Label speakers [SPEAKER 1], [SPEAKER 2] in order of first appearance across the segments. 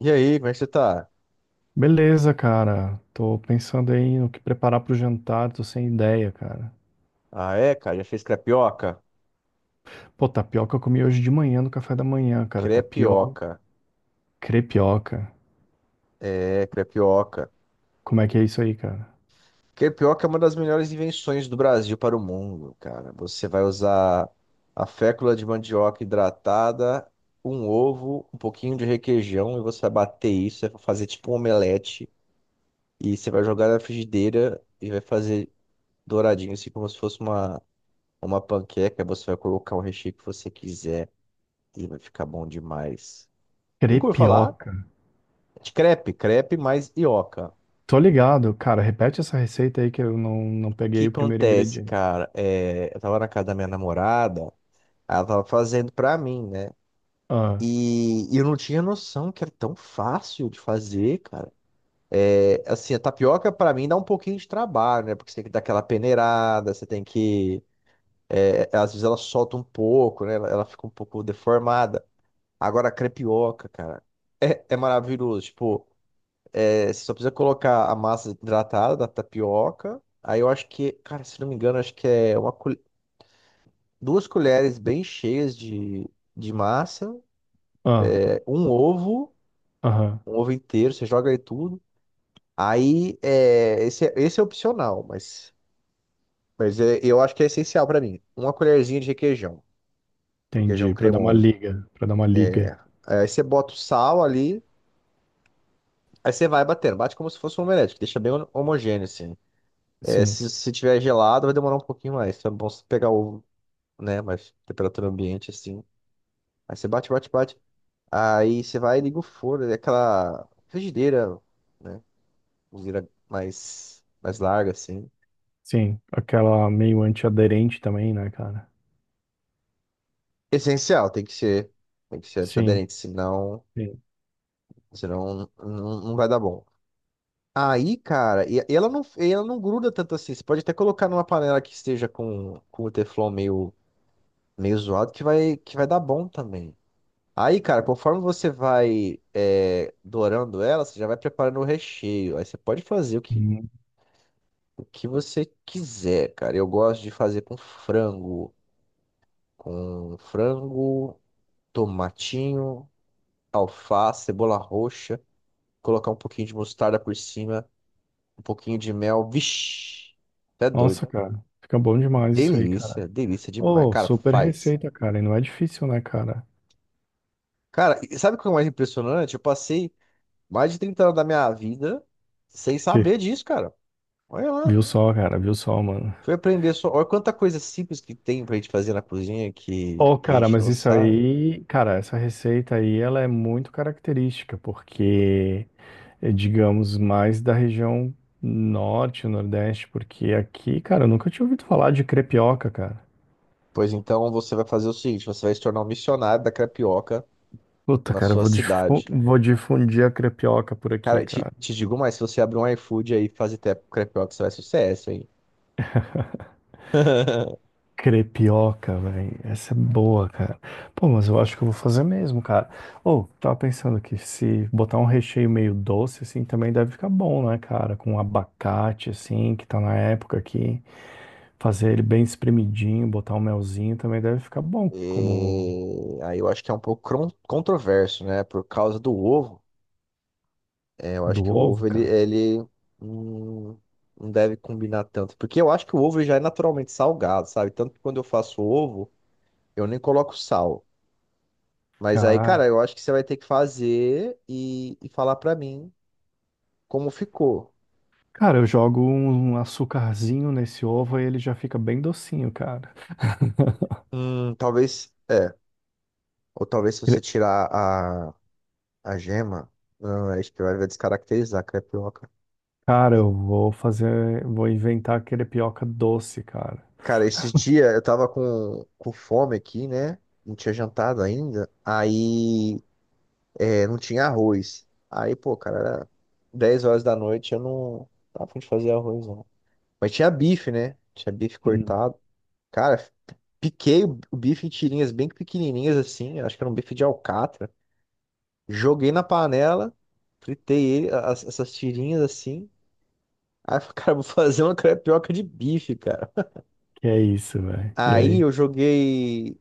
[SPEAKER 1] E aí, como é que você tá?
[SPEAKER 2] Beleza, cara. Tô pensando aí no que preparar pro jantar, tô sem ideia, cara.
[SPEAKER 1] Ah, é, cara, já fez crepioca?
[SPEAKER 2] Pô, tapioca eu comi hoje de manhã no café da manhã, cara. Tapioca,
[SPEAKER 1] Crepioca.
[SPEAKER 2] crepioca.
[SPEAKER 1] É, crepioca.
[SPEAKER 2] Como é que é isso aí, cara?
[SPEAKER 1] Crepioca é uma das melhores invenções do Brasil para o mundo, cara. Você vai usar a fécula de mandioca hidratada, um ovo, um pouquinho de requeijão, e você vai bater isso, vai fazer tipo um omelete, e você vai jogar na frigideira e vai fazer douradinho, assim como se fosse uma panqueca. Você vai colocar o recheio que você quiser e vai ficar bom demais. Nunca ouviu falar?
[SPEAKER 2] Crepioca.
[SPEAKER 1] De crepe, crepe mais ioca. O
[SPEAKER 2] Tô ligado, cara. Repete essa receita aí que eu não
[SPEAKER 1] que
[SPEAKER 2] peguei o primeiro
[SPEAKER 1] acontece,
[SPEAKER 2] ingrediente.
[SPEAKER 1] cara? Eu tava na casa da minha namorada, ela tava fazendo pra mim, né?
[SPEAKER 2] Ah,
[SPEAKER 1] E eu não tinha noção que era tão fácil de fazer, cara. É, assim, a tapioca pra mim dá um pouquinho de trabalho, né? Porque você tem que dar aquela peneirada, você tem que. É, às vezes ela solta um pouco, né? Ela fica um pouco deformada. Agora, a crepioca, cara, é maravilhoso. Tipo. É, você só precisa colocar a massa hidratada da tapioca. Aí eu acho que, cara, se não me engano, acho que é uma, duas colheres bem cheias de massa,
[SPEAKER 2] ah,
[SPEAKER 1] é,
[SPEAKER 2] aham.
[SPEAKER 1] um ovo inteiro, você joga aí tudo. Aí, é, esse é opcional, mas, eu acho que é essencial pra mim. Uma colherzinha de requeijão, requeijão
[SPEAKER 2] Entendi. Pra dar uma
[SPEAKER 1] cremoso.
[SPEAKER 2] liga, pra dar uma liga.
[SPEAKER 1] É. Aí você bota o sal ali, aí você vai batendo, bate como se fosse um omelete, que deixa bem homogêneo assim. É,
[SPEAKER 2] Sim,
[SPEAKER 1] se tiver gelado, vai demorar um pouquinho mais. Então é bom você pegar o né? Mas temperatura ambiente, assim. Aí você bate, bate, bate. Aí você vai e liga o forno, é aquela frigideira, né? Cozinheira mais larga, assim.
[SPEAKER 2] sim. Aquela meio antiaderente também, né, cara?
[SPEAKER 1] Essencial, tem que ser. Tem que ser
[SPEAKER 2] Sim,
[SPEAKER 1] antiaderente, senão,
[SPEAKER 2] sim.
[SPEAKER 1] senão não vai dar bom. Aí, cara, e ela não gruda tanto assim. Você pode até colocar numa panela que esteja com o teflon meio, meio zoado, que vai dar bom também. Aí, cara, conforme você vai é, dourando ela, você já vai preparando o recheio. Aí você pode fazer
[SPEAKER 2] Uhum.
[SPEAKER 1] o que você quiser, cara. Eu gosto de fazer com frango, tomatinho, alface, cebola roxa, colocar um pouquinho de mostarda por cima, um pouquinho de mel. Vixe, até doido.
[SPEAKER 2] Nossa, cara. Fica bom demais isso aí.
[SPEAKER 1] Delícia, delícia demais.
[SPEAKER 2] Ô,
[SPEAKER 1] Cara,
[SPEAKER 2] super
[SPEAKER 1] faz.
[SPEAKER 2] receita, cara. E não é difícil, né, cara?
[SPEAKER 1] Cara, e sabe o que é o mais impressionante? Eu passei mais de 30 anos da minha vida sem saber disso, cara. Olha lá.
[SPEAKER 2] Viu só, cara? Viu só, mano?
[SPEAKER 1] Foi aprender só. Olha quanta coisa simples que tem pra gente fazer na cozinha
[SPEAKER 2] Ô,
[SPEAKER 1] que a
[SPEAKER 2] cara,
[SPEAKER 1] gente
[SPEAKER 2] mas
[SPEAKER 1] não
[SPEAKER 2] isso
[SPEAKER 1] sabe.
[SPEAKER 2] aí, cara, essa receita aí, ela é muito característica, porque, digamos, mais da região norte, nordeste, porque aqui, cara, eu nunca tinha ouvido falar de crepioca, cara.
[SPEAKER 1] Pois então você vai fazer o seguinte: você vai se tornar um missionário da crepioca
[SPEAKER 2] Puta,
[SPEAKER 1] na
[SPEAKER 2] cara,
[SPEAKER 1] sua cidade.
[SPEAKER 2] vou difundir a crepioca por aqui,
[SPEAKER 1] Cara,
[SPEAKER 2] cara.
[SPEAKER 1] te digo mais: se você abrir um iFood aí e fazer crepioca, você vai sucesso, hein?
[SPEAKER 2] Crepioca, velho. Essa é boa, cara. Pô, mas eu acho que eu vou fazer mesmo, cara. Ou, tava pensando que se botar um recheio meio doce, assim, também deve ficar bom, né, cara? Com abacate, assim, que tá na época aqui. Fazer ele bem espremidinho, botar um melzinho também deve ficar bom, como
[SPEAKER 1] E aí eu acho que é um pouco controverso, né? Por causa do ovo. É, eu acho
[SPEAKER 2] do
[SPEAKER 1] que o
[SPEAKER 2] ovo,
[SPEAKER 1] ovo
[SPEAKER 2] cara.
[SPEAKER 1] ele hum, não deve combinar tanto. Porque eu acho que o ovo já é naturalmente salgado, sabe? Tanto que quando eu faço ovo. Eu nem coloco sal. Mas aí,
[SPEAKER 2] Cara,
[SPEAKER 1] cara, eu acho que você vai ter que fazer e falar pra mim como ficou.
[SPEAKER 2] cara, eu jogo um açucarzinho nesse ovo e ele já fica bem docinho, cara.
[SPEAKER 1] Talvez, é. Ou talvez se você
[SPEAKER 2] Cre-
[SPEAKER 1] tirar a gema, não, é, acho que vai descaracterizar a crepioca.
[SPEAKER 2] Cara, eu vou fazer, vou inventar crepioca doce, cara.
[SPEAKER 1] Cara, esses dias eu tava com fome aqui, né? Não tinha jantado ainda. Aí, é, não tinha arroz. Aí, pô, cara, era 10 horas da noite, eu não tava a fim de fazer arroz, não. Mas tinha bife, né? Tinha bife
[SPEAKER 2] Hum.
[SPEAKER 1] cortado. Cara, piquei o bife em tirinhas bem pequenininhas assim, acho que era um bife de alcatra. Joguei na panela, fritei ele, essas tirinhas assim. Aí eu falei, cara, vou fazer uma crepioca de bife, cara.
[SPEAKER 2] Que é isso, velho? E
[SPEAKER 1] Aí
[SPEAKER 2] aí?
[SPEAKER 1] eu joguei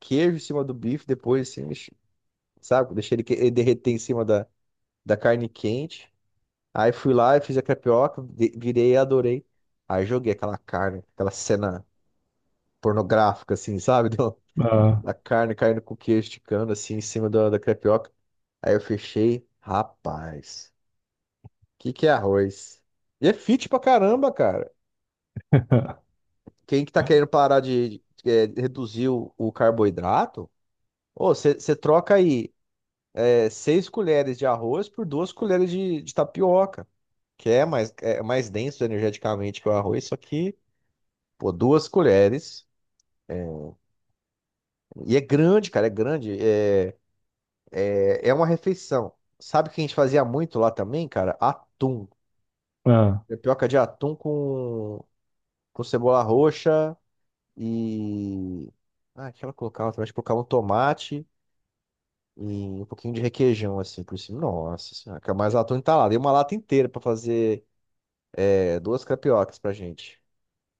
[SPEAKER 1] queijo em cima do bife depois, assim, sabe? Deixei ele, ele derreter em cima da, da carne quente. Aí fui lá e fiz a crepioca, virei e adorei. Aí joguei aquela carne, aquela cena pornográfica, assim, sabe?
[SPEAKER 2] Ah,
[SPEAKER 1] a carne caindo com o queijo esticando assim em cima da, da crepioca. Aí eu fechei, rapaz, que é arroz? E é fit pra caramba, cara. Quem que tá querendo parar reduzir o carboidrato, ô, você troca aí é, seis colheres de arroz por duas colheres de tapioca, que é mais denso energeticamente que o arroz, só que, pô, duas colheres. É, E é grande, cara, é grande. É uma refeição. Sabe o que a gente fazia muito lá também, cara? Atum.
[SPEAKER 2] ah.
[SPEAKER 1] Tapioca de atum com cebola roxa e. Ah, o que ela colocava também. Acho que colocava um tomate e um pouquinho de requeijão, assim, por cima. Nossa senhora, que é mais atum entalado. E uma lata inteira pra fazer é, duas crepiocas pra gente.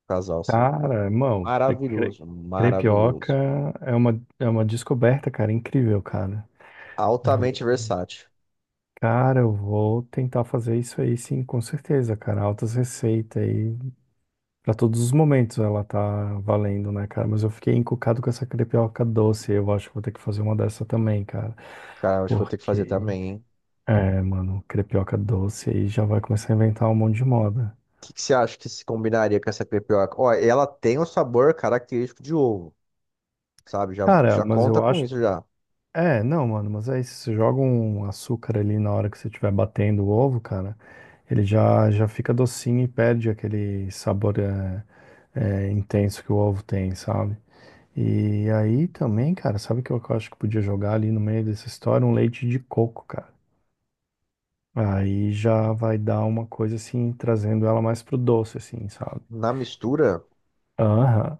[SPEAKER 1] Casal, assim.
[SPEAKER 2] Cara, irmão,
[SPEAKER 1] Maravilhoso,
[SPEAKER 2] crepioca
[SPEAKER 1] maravilhoso.
[SPEAKER 2] é uma descoberta, cara, incrível, cara.
[SPEAKER 1] Altamente
[SPEAKER 2] Vou-
[SPEAKER 1] versátil.
[SPEAKER 2] cara, eu vou tentar fazer isso aí, sim, com certeza, cara. Altas receitas aí. Pra todos os momentos ela tá valendo, né, cara? Mas eu fiquei encucado com essa crepioca doce. Eu acho que vou ter que fazer uma dessa também, cara.
[SPEAKER 1] Cara, acho que vou ter que fazer
[SPEAKER 2] Porque,
[SPEAKER 1] também, hein?
[SPEAKER 2] mano, crepioca doce aí já vai começar a inventar um monte de moda.
[SPEAKER 1] Que você acha que se combinaria com essa crepioca? Ó, ela tem um sabor característico de ovo, sabe? Já,
[SPEAKER 2] Cara,
[SPEAKER 1] já
[SPEAKER 2] mas
[SPEAKER 1] conta
[SPEAKER 2] eu
[SPEAKER 1] com
[SPEAKER 2] acho.
[SPEAKER 1] isso já.
[SPEAKER 2] É, não, mano, mas aí se você joga um açúcar ali na hora que você estiver batendo o ovo, cara, ele já fica docinho e perde aquele sabor intenso que o ovo tem, sabe? E aí também, cara, sabe o que eu acho que podia jogar ali no meio dessa história? Um leite de coco, cara. Aí já vai dar uma coisa assim, trazendo ela mais pro doce, assim, sabe?
[SPEAKER 1] Na mistura.
[SPEAKER 2] Aham,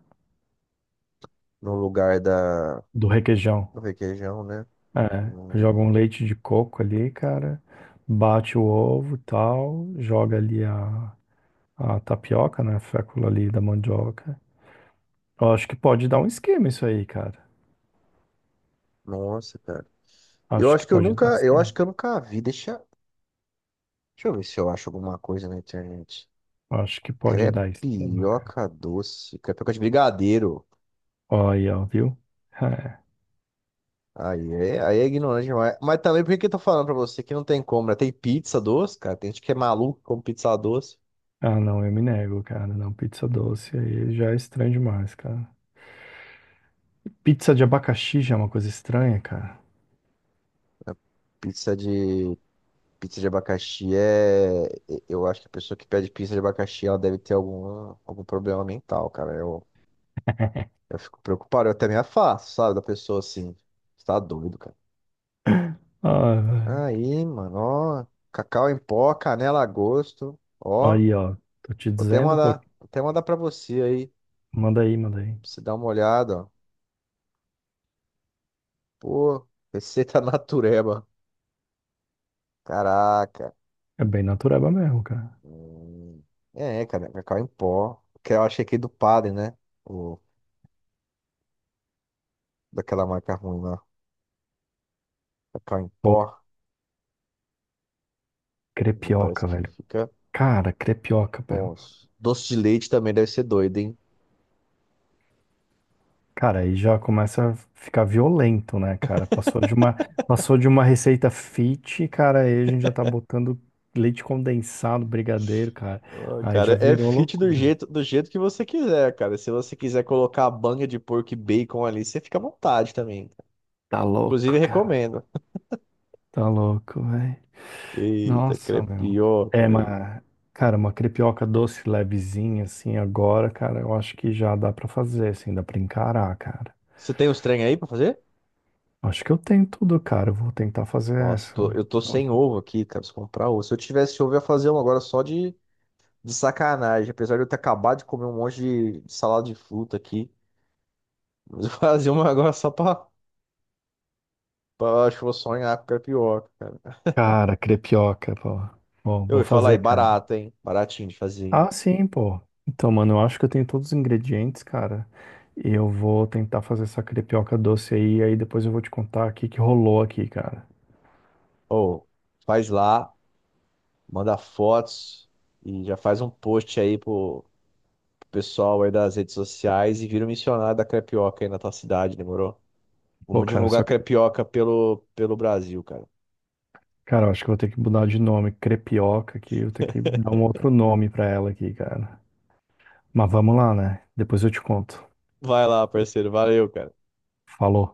[SPEAKER 1] No lugar da
[SPEAKER 2] do requeijão.
[SPEAKER 1] do requeijão, né?
[SPEAKER 2] É,
[SPEAKER 1] Hum,
[SPEAKER 2] joga um leite de coco ali, cara, bate o ovo, tal, joga ali a tapioca, né, a fécula ali da mandioca. Eu acho que pode dar um esquema isso aí, cara.
[SPEAKER 1] Nossa, cara. Eu
[SPEAKER 2] Acho que
[SPEAKER 1] acho que eu
[SPEAKER 2] pode dar um
[SPEAKER 1] nunca, eu acho
[SPEAKER 2] esquema.
[SPEAKER 1] que eu nunca vi. Deixa, deixa eu ver se eu acho alguma coisa na internet.
[SPEAKER 2] Acho que pode dar esquema, cara.
[SPEAKER 1] Crepioca doce, crepioca de brigadeiro.
[SPEAKER 2] Ó, aí, ó, viu? É.
[SPEAKER 1] Aí é ignorante demais. Mas também por que que eu tô falando pra você que não tem como, né? Tem pizza doce, cara. Tem gente que é maluco com pizza doce.
[SPEAKER 2] Ah, não, eu me nego, cara. Não, pizza doce aí já é estranho demais, cara. Pizza de abacaxi já é uma coisa estranha, cara.
[SPEAKER 1] Pizza de pizza de abacaxi é, eu acho que a pessoa que pede pizza de abacaxi, ela deve ter algum problema mental, cara. Eu fico preocupado, eu até me afasto, sabe? Da pessoa assim. Você tá doido, cara.
[SPEAKER 2] Ah, velho.
[SPEAKER 1] Aí, mano, ó. Cacau em pó, canela a gosto. Ó,
[SPEAKER 2] Aí, ó, tô te dizendo, pô,
[SPEAKER 1] vou até mandar pra você aí. Pra
[SPEAKER 2] manda aí, manda aí.
[SPEAKER 1] você dar uma olhada, ó. Pô, receita natureba. Caraca.
[SPEAKER 2] É bem natureba mesmo, cara.
[SPEAKER 1] Hum, É, cara, cacau em pó. Que eu achei aqui do padre, né? O, daquela marca ruim lá. Cacau em pó. Parece
[SPEAKER 2] Crepioca,
[SPEAKER 1] que
[SPEAKER 2] velho.
[SPEAKER 1] fica.
[SPEAKER 2] Cara, crepioca, velho.
[SPEAKER 1] Bom, doce de leite também deve ser doido, hein?
[SPEAKER 2] Cara, aí já começa a ficar violento, né, cara? Passou de uma receita fit, cara, aí a gente já tá botando leite condensado, brigadeiro, cara.
[SPEAKER 1] Ô,
[SPEAKER 2] Aí já
[SPEAKER 1] cara, é
[SPEAKER 2] virou
[SPEAKER 1] fit
[SPEAKER 2] loucura.
[SPEAKER 1] do jeito que você quiser, cara. Se você quiser colocar a banha de porco e bacon ali, você fica à vontade também. Cara.
[SPEAKER 2] Tá
[SPEAKER 1] Inclusive,
[SPEAKER 2] louco, cara.
[SPEAKER 1] recomendo.
[SPEAKER 2] Tá louco, velho.
[SPEAKER 1] Eita,
[SPEAKER 2] Nossa, meu.
[SPEAKER 1] crepioca,
[SPEAKER 2] É,
[SPEAKER 1] velho.
[SPEAKER 2] mas, cara, uma crepioca doce, levezinha, assim, agora, cara, eu acho que já dá pra fazer, assim, dá pra encarar, cara.
[SPEAKER 1] Você tem os trem aí pra fazer?
[SPEAKER 2] Acho que eu tenho tudo, cara. Eu vou tentar fazer
[SPEAKER 1] Nossa,
[SPEAKER 2] essa.
[SPEAKER 1] eu tô sem ovo aqui, cara. Preciso comprar ovo. Se eu tivesse ovo, eu ia fazer um agora só de sacanagem. Apesar de eu ter acabado de comer um monte de salada de fruta aqui. Mas eu fazer uma agora só pra, pra acho que eu vou sonhar com crepioca, cara.
[SPEAKER 2] Cara, crepioca, pô. Bom,
[SPEAKER 1] Eu
[SPEAKER 2] vou
[SPEAKER 1] ia falar aí,
[SPEAKER 2] fazer, cara.
[SPEAKER 1] barata, hein? Baratinho de fazer, hein?
[SPEAKER 2] Ah, sim, pô. Então, mano, eu acho que eu tenho todos os ingredientes, cara. E eu vou tentar fazer essa crepioca doce aí, aí depois eu vou te contar o que que rolou aqui, cara.
[SPEAKER 1] Ô, faz lá. Manda fotos e já faz um post aí pro, pro pessoal aí das redes sociais e vira um missionário da crepioca aí na tua cidade, demorou?
[SPEAKER 2] Pô,
[SPEAKER 1] Vamos
[SPEAKER 2] cara,
[SPEAKER 1] divulgar
[SPEAKER 2] só que,
[SPEAKER 1] crepioca pelo, pelo Brasil, cara.
[SPEAKER 2] cara, eu acho que eu vou ter que mudar de nome, crepioca, que eu tenho que dar um outro nome pra ela aqui, cara. Mas vamos lá, né? Depois eu te conto.
[SPEAKER 1] Vai lá, parceiro. Valeu, cara.
[SPEAKER 2] Falou.